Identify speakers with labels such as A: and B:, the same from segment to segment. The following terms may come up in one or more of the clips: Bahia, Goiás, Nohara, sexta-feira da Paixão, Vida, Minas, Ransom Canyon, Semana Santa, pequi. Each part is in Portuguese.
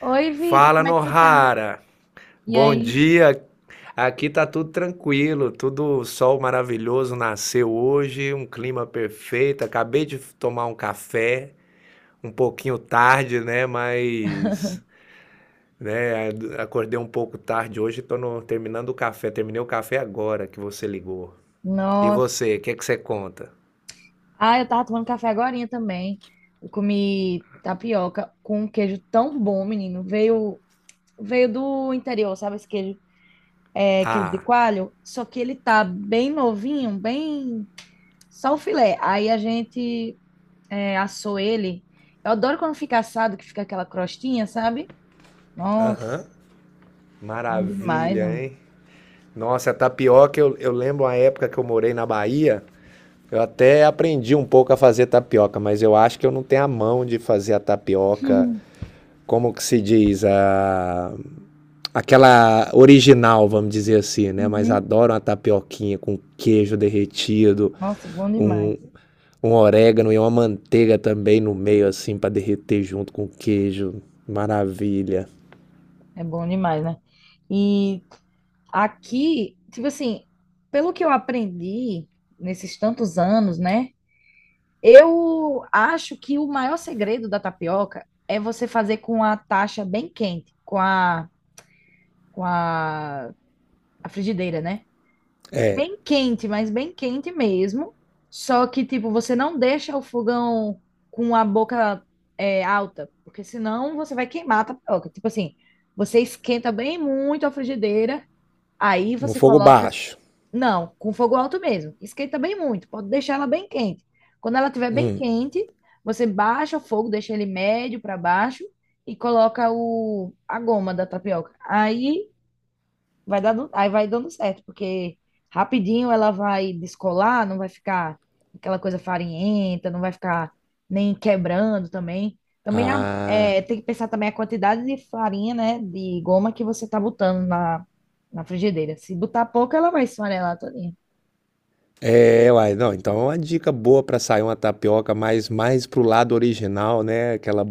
A: Oi, Vida,
B: Fala,
A: como é que você tá?
B: Nohara.
A: E
B: Bom
A: aí?
B: dia. Aqui tá tudo tranquilo, tudo sol maravilhoso nasceu hoje, um clima perfeito. Acabei de tomar um café, um pouquinho tarde, né? Mas, né? Acordei um pouco tarde hoje, tô no- terminando o café. Terminei o café agora que você ligou. E
A: Nossa.
B: você, o que que você conta?
A: Ah, eu tava tomando café agorinha também. Eu comi tapioca com um queijo tão bom, menino. Veio do interior, sabe esse queijo? É queijo de
B: Ah,
A: coalho. Só que ele tá bem novinho, bem... Só o filé. Aí a gente assou ele. Eu adoro quando fica assado, que fica aquela crostinha, sabe? Nossa,
B: aham.
A: bom demais,
B: Maravilha,
A: mano.
B: hein? Nossa, a tapioca, eu lembro uma época que eu morei na Bahia. Eu até aprendi um pouco a fazer tapioca, mas eu acho que eu não tenho a mão de fazer a tapioca, como que se diz, a aquela original, vamos dizer assim, né? Mas
A: Uhum.
B: adoro uma tapioquinha com queijo derretido,
A: Nossa, bom demais.
B: um, um orégano e uma manteiga também no meio, assim, para derreter junto com o queijo. Maravilha.
A: É bom demais, né? E aqui, tipo assim, pelo que eu aprendi nesses tantos anos, né? Eu acho que o maior segredo da tapioca é você fazer com a taxa bem quente, com a frigideira, né? Bem quente, mas bem quente mesmo. Só que, tipo, você não deixa o fogão com a boca alta, porque senão você vai queimar a tapioca. Tipo assim, você esquenta bem muito a frigideira, aí
B: No
A: você
B: fogo
A: coloca.
B: baixo.
A: Não, com fogo alto mesmo. Esquenta bem muito, pode deixar ela bem quente. Quando ela estiver bem
B: Hum.
A: quente, você baixa o fogo, deixa ele médio para baixo e coloca a goma da tapioca. Aí vai dando certo, porque rapidinho ela vai descolar, não vai ficar aquela coisa farinhenta, não vai ficar nem quebrando também. Também a-
B: Ah,
A: tem que pensar também a quantidade de farinha, né, de goma que você tá botando na frigideira. Se botar pouco, ela vai esfarelar toda.
B: é, uai, não, então é uma dica boa para sair uma tapioca mais pro lado original, né, aquela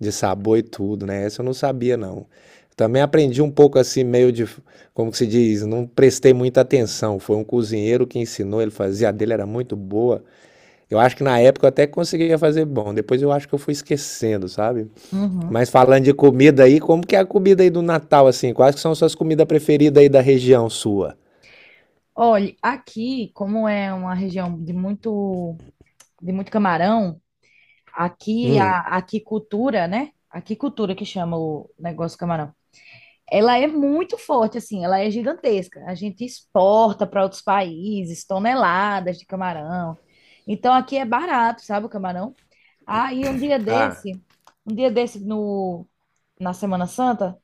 B: de sabor e tudo, né, essa eu não sabia não. Também aprendi um pouco assim, meio de, como que se diz, não prestei muita atenção, foi um cozinheiro que ensinou, ele fazia, a dele era muito boa, eu acho que na época eu até conseguia fazer bom, depois eu acho que eu fui esquecendo, sabe.
A: Uhum.
B: Mas falando de comida aí, como que é a comida aí do Natal, assim, quais que são as suas comidas preferidas aí da região sua?
A: Olha, aqui, como é uma região de muito camarão, aqui
B: Hum,
A: a aquicultura, né? Aquicultura que chama o negócio do camarão. Ela é muito forte, assim, ela é gigantesca. A gente exporta para outros países toneladas de camarão. Então aqui é barato, sabe, o camarão? Aí um dia
B: ah,
A: desse, um dia desse na Semana Santa,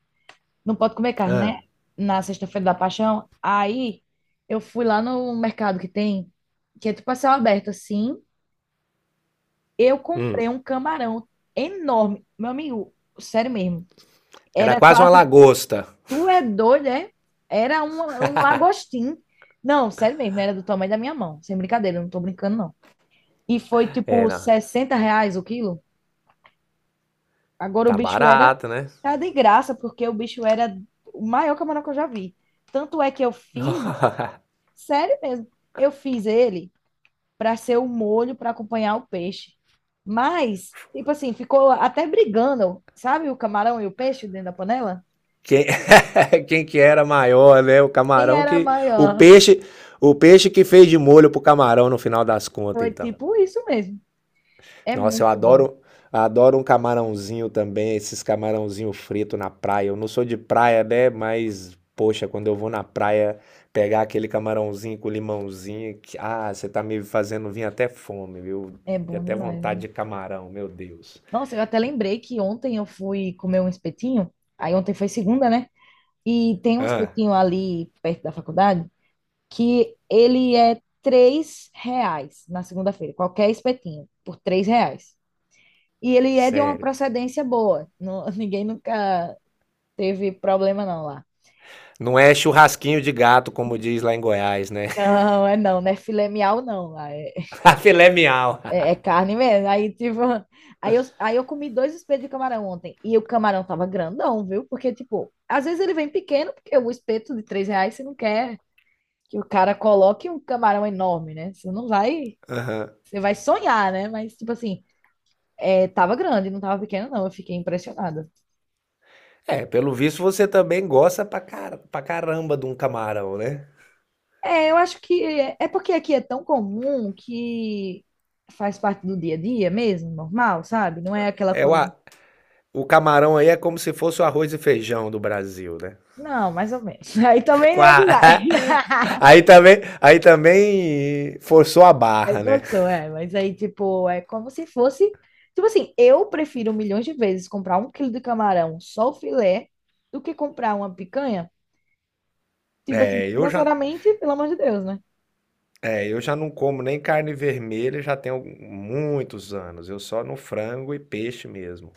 A: não pode comer carne,
B: ah.
A: né? Na sexta-feira da Paixão. Aí eu fui lá no mercado que tem, que é tipo a céu aberto, assim. Eu comprei um camarão enorme. Meu amigo, sério mesmo.
B: Era
A: Era
B: quase uma
A: quase.
B: lagosta.
A: Tu é doido, é? Era um lagostim. Não, sério mesmo, era do tamanho da minha mão. Sem brincadeira, eu não tô brincando, não. E foi tipo
B: Era.
A: R$ 60 o quilo. Agora o
B: Tá
A: bicho era.
B: barato, né?
A: Tá de graça, porque o bicho era o maior camarão que eu já vi. Tanto é que eu fiz. Sério mesmo. Eu fiz ele para ser o molho para acompanhar o peixe. Mas, tipo assim, ficou até brigando, sabe? O camarão e o peixe dentro da panela?
B: Quem, quem que era maior, né? O
A: Quem
B: camarão
A: era
B: que. O
A: maior?
B: peixe. O peixe que fez de molho pro camarão no final das contas,
A: Foi
B: então.
A: tipo isso mesmo. É
B: Nossa, eu
A: muito bom.
B: adoro. Adoro um camarãozinho também, esses camarãozinho frito na praia. Eu não sou de praia, né? Mas, poxa, quando eu vou na praia pegar aquele camarãozinho com limãozinho, que, ah, você tá me fazendo vir até fome, viu?
A: É
B: E
A: bom
B: até
A: demais,
B: vontade
A: né?
B: de camarão, meu Deus.
A: Nossa, eu até lembrei que ontem eu fui comer um espetinho. Aí ontem foi segunda, né? E tem um
B: Ah,
A: espetinho ali perto da faculdade que ele é R$ 3 na segunda-feira. Qualquer espetinho, por R$ 3. E ele é de uma
B: sério.
A: procedência boa. Não- ninguém nunca teve problema, não, lá.
B: Não é churrasquinho de gato, como diz lá em Goiás, né?
A: Não, é não, não é filé mignon, não. Lá. É,
B: A filé miau.
A: é carne mesmo. Aí, tipo, aí eu comi dois espetos de camarão ontem. E o camarão tava grandão, viu? Porque, tipo, às vezes ele vem pequeno, porque o espeto de R$ 3 você não quer que o cara coloque um camarão enorme, né? Você não vai. Você vai sonhar, né? Mas, tipo assim, tava grande, não tava pequeno, não. Eu fiquei impressionada.
B: É, pelo visto você também gosta pra caramba de um camarão, né?
A: É, eu acho que é porque aqui é tão comum que faz parte do dia a dia mesmo, normal, sabe? Não é aquela
B: É o,
A: coisa.
B: a- o camarão aí é como se fosse o arroz e feijão do Brasil, né?
A: Não, mais ou menos. Aí também
B: Com
A: é
B: a
A: demais.
B: aí também, aí também forçou a
A: Aí
B: barra, né?
A: passou, é. Mas aí, tipo, é como se fosse. Tipo assim, eu prefiro milhões de vezes comprar um quilo de camarão só o filé do que comprar uma picanha. Tipo assim,
B: É, eu já,
A: financeiramente, pelo amor de Deus, né?
B: é, eu já não como nem carne vermelha já tenho muitos anos. Eu só no frango e peixe mesmo.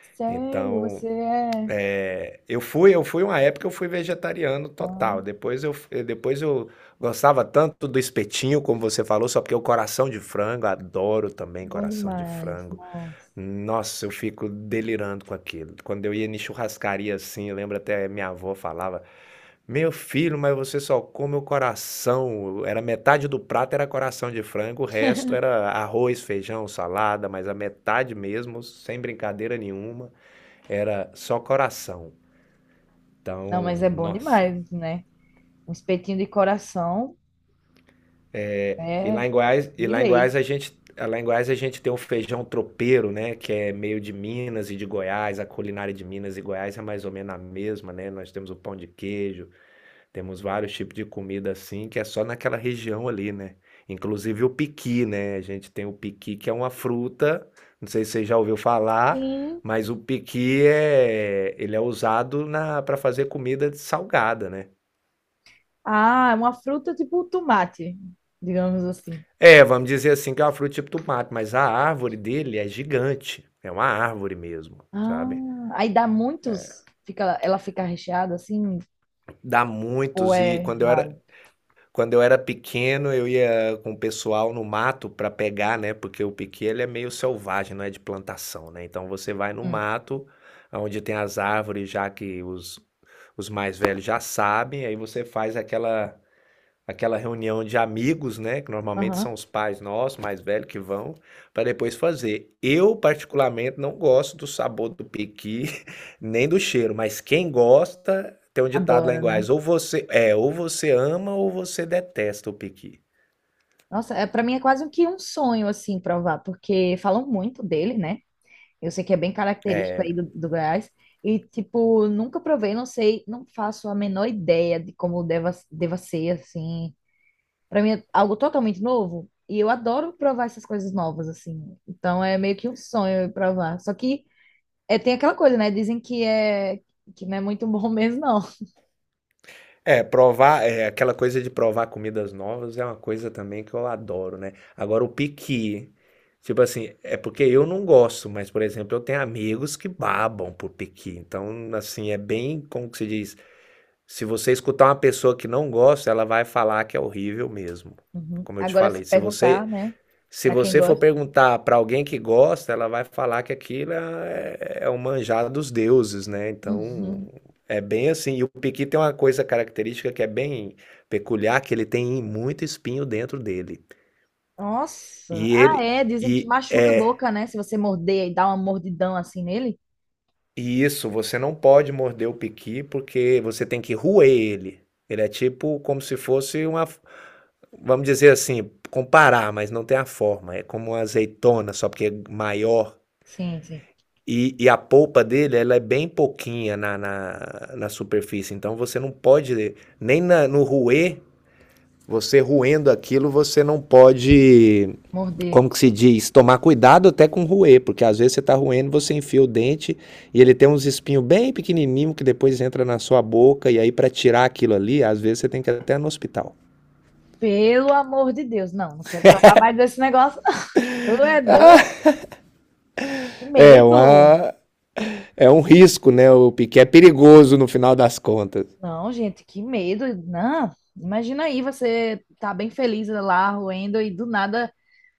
A: Sério,
B: Então,
A: você é.
B: é, eu fui uma época eu fui vegetariano
A: Ah,
B: total. Depois eu, depois eu gostava tanto do espetinho, como você falou, só porque o coração de frango, adoro também
A: bom
B: coração de
A: demais.
B: frango.
A: Nossa.
B: Nossa, eu fico delirando com aquilo. Quando eu ia em churrascaria assim, eu lembro até minha avó falava: "Meu filho, mas você só come o coração". Era metade do prato era coração de frango, o resto era arroz, feijão, salada, mas a metade mesmo, sem brincadeira nenhuma, era só coração.
A: Não, mas
B: Então,
A: é bom
B: nossa.
A: demais, né? Um espetinho de coração
B: E lá
A: é
B: em Goiás,
A: de lei.
B: lá em Goiás a gente tem o feijão tropeiro, né, que é meio de Minas e de Goiás, a culinária de Minas e Goiás é mais ou menos a mesma, né? Nós temos o pão de queijo, temos vários tipos de comida assim, que é só naquela região ali, né? Inclusive o piqui, né? A gente tem o piqui que é uma fruta, não sei se você já ouviu falar,
A: Sim.
B: mas o piqui é, ele é usado na para fazer comida salgada, né?
A: Ah, é uma fruta tipo tomate, digamos assim.
B: É, vamos dizer assim que é uma fruta tipo tomate, mas a árvore dele é gigante, é uma árvore mesmo,
A: Ah,
B: sabe.
A: aí dá muitos, fica, ela fica recheada assim,
B: Dá
A: ou
B: muitos e
A: é raro?
B: quando eu era pequeno eu ia com o pessoal no mato para pegar, né, porque o piqui ele é meio selvagem, não é de plantação, né, então você vai no
A: Hum,
B: mato, aonde tem as árvores já que os mais velhos já sabem, aí você faz aquela reunião de amigos, né? Que normalmente são
A: aham,
B: os pais nossos, mais velhos, que vão, para depois fazer. Eu, particularmente, não gosto do sabor do pequi, nem do cheiro, mas quem gosta, tem um ditado lá em
A: adora, né?
B: Goiás, ou você ama ou você detesta o pequi.
A: Nossa, é, para mim é quase que um sonho assim provar, porque falam muito dele, né? Eu sei que é bem característico aí do Goiás. E, tipo, nunca provei, não sei, não faço a menor ideia de como deva ser, assim, pra mim é algo totalmente novo. E eu adoro provar essas coisas novas, assim. Então é meio que um sonho eu provar. Só que tem aquela coisa, né? Dizem que não é muito bom mesmo, não.
B: É, provar, é, aquela coisa de provar comidas novas é uma coisa também que eu adoro, né? Agora, o piqui, tipo assim, é porque eu não gosto, mas, por exemplo, eu tenho amigos que babam por piqui. Então, assim, é bem, como que se diz? Se você escutar uma pessoa que não gosta, ela vai falar que é horrível mesmo.
A: Uhum.
B: Como eu te
A: Agora, se
B: falei,
A: perguntar, né?
B: se
A: Pra quem
B: você for
A: gosta.
B: perguntar para alguém que gosta, ela vai falar que aquilo é, é o manjar dos deuses, né? Então,
A: Uhum.
B: é bem assim. E o piqui tem uma coisa característica que é bem peculiar, que ele tem muito espinho dentro dele.
A: Nossa.
B: E
A: Ah,
B: ele
A: é. Dizem que
B: e
A: machuca a
B: é
A: boca, né? Se você morder e dar uma mordidão assim nele.
B: e isso, você não pode morder o piqui porque você tem que roer ele. Ele é tipo como se fosse uma vamos dizer assim, comparar, mas não tem a forma. É como uma azeitona, só porque é maior.
A: Sim, sim.
B: E a polpa dele, ela é bem pouquinha na superfície. Então você não pode, nem na- no ruê, você ruendo aquilo, você não pode,
A: Morder.
B: como que se diz, tomar cuidado até com ruê, porque às vezes você está ruendo, você enfia o dente e ele tem uns espinhos bem pequenininhos que depois entra na sua boca. E aí, para tirar aquilo ali, às vezes você tem que ir até no hospital.
A: Pelo amor de Deus. Não, não quero provar mais desse negócio. Tu é doido?
B: Ah,
A: Que
B: é,
A: medo.
B: uma, é um risco, né? O Piquet é perigoso no final das contas.
A: Não, gente, que medo. Não, imagina aí, você tá bem feliz lá, roendo, e do nada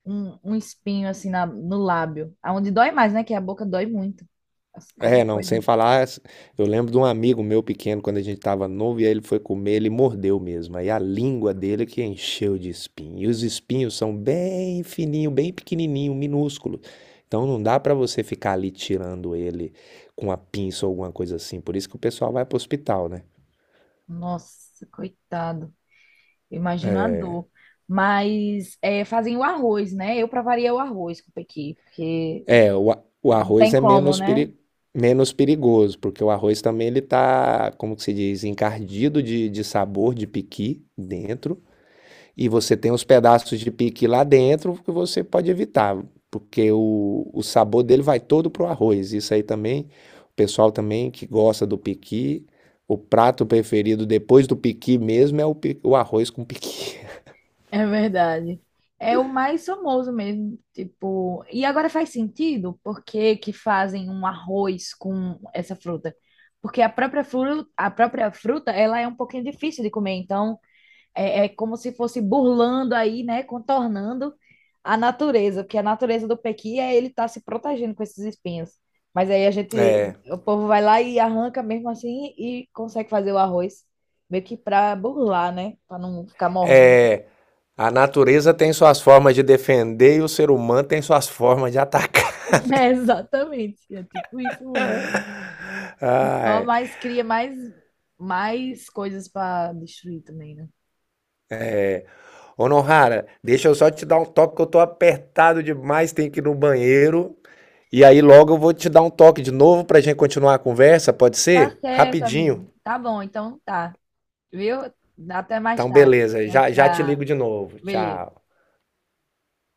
A: um espinho assim no lábio. Aonde dói mais, né? Que a boca dói muito. Nossa, qualquer
B: É, não, sem
A: coisa.
B: falar, eu lembro de um amigo meu pequeno, quando a gente tava novo, e aí ele foi comer, ele mordeu mesmo. Aí a língua dele que encheu de espinho. E os espinhos são bem fininho, bem pequenininho, minúsculo. Então não dá para você ficar ali tirando ele com a pinça ou alguma coisa assim. Por isso que o pessoal vai pro hospital, né?
A: Nossa, coitado. Imagina a dor. Mas é, fazem o arroz, né? Eu pra variar o arroz com o pequi, porque
B: O
A: não
B: arroz
A: tem
B: é
A: como, né?
B: menos perigoso, porque o arroz também ele tá, como que se diz, encardido de sabor de piqui dentro, e você tem os pedaços de piqui lá dentro que você pode evitar, porque o sabor dele vai todo pro arroz. Isso aí também, o pessoal também que gosta do piqui, o prato preferido depois do piqui mesmo é o arroz com piqui.
A: É verdade. É o mais famoso mesmo, tipo. E agora faz sentido por que que fazem um arroz com essa fruta? Porque a própria fruta, ela é um pouquinho difícil de comer, então é como se fosse burlando aí, né, contornando a natureza, porque a natureza do pequi é ele estar se protegendo com esses espinhos. Mas aí a gente,
B: É,
A: o povo vai lá e arranca mesmo assim e consegue fazer o arroz meio que para burlar, né, para não ficar mordendo.
B: é, A natureza tem suas formas de defender e o ser humano tem suas formas de atacar.
A: É, exatamente. É tipo isso mesmo. E só
B: Ai.
A: mais cria mais coisas para destruir também, né?
B: Honorara, deixa eu só te dar um toque que eu tô apertado demais, tenho que ir no banheiro. E aí logo eu vou te dar um toque de novo pra gente continuar a conversa, pode
A: Tá
B: ser?
A: certo,
B: Rapidinho.
A: amigo. Tá bom, então tá. Viu? Até mais
B: Então
A: tarde.
B: beleza,
A: Tchau,
B: já te
A: tchau.
B: ligo de novo. Tchau.
A: Beleza.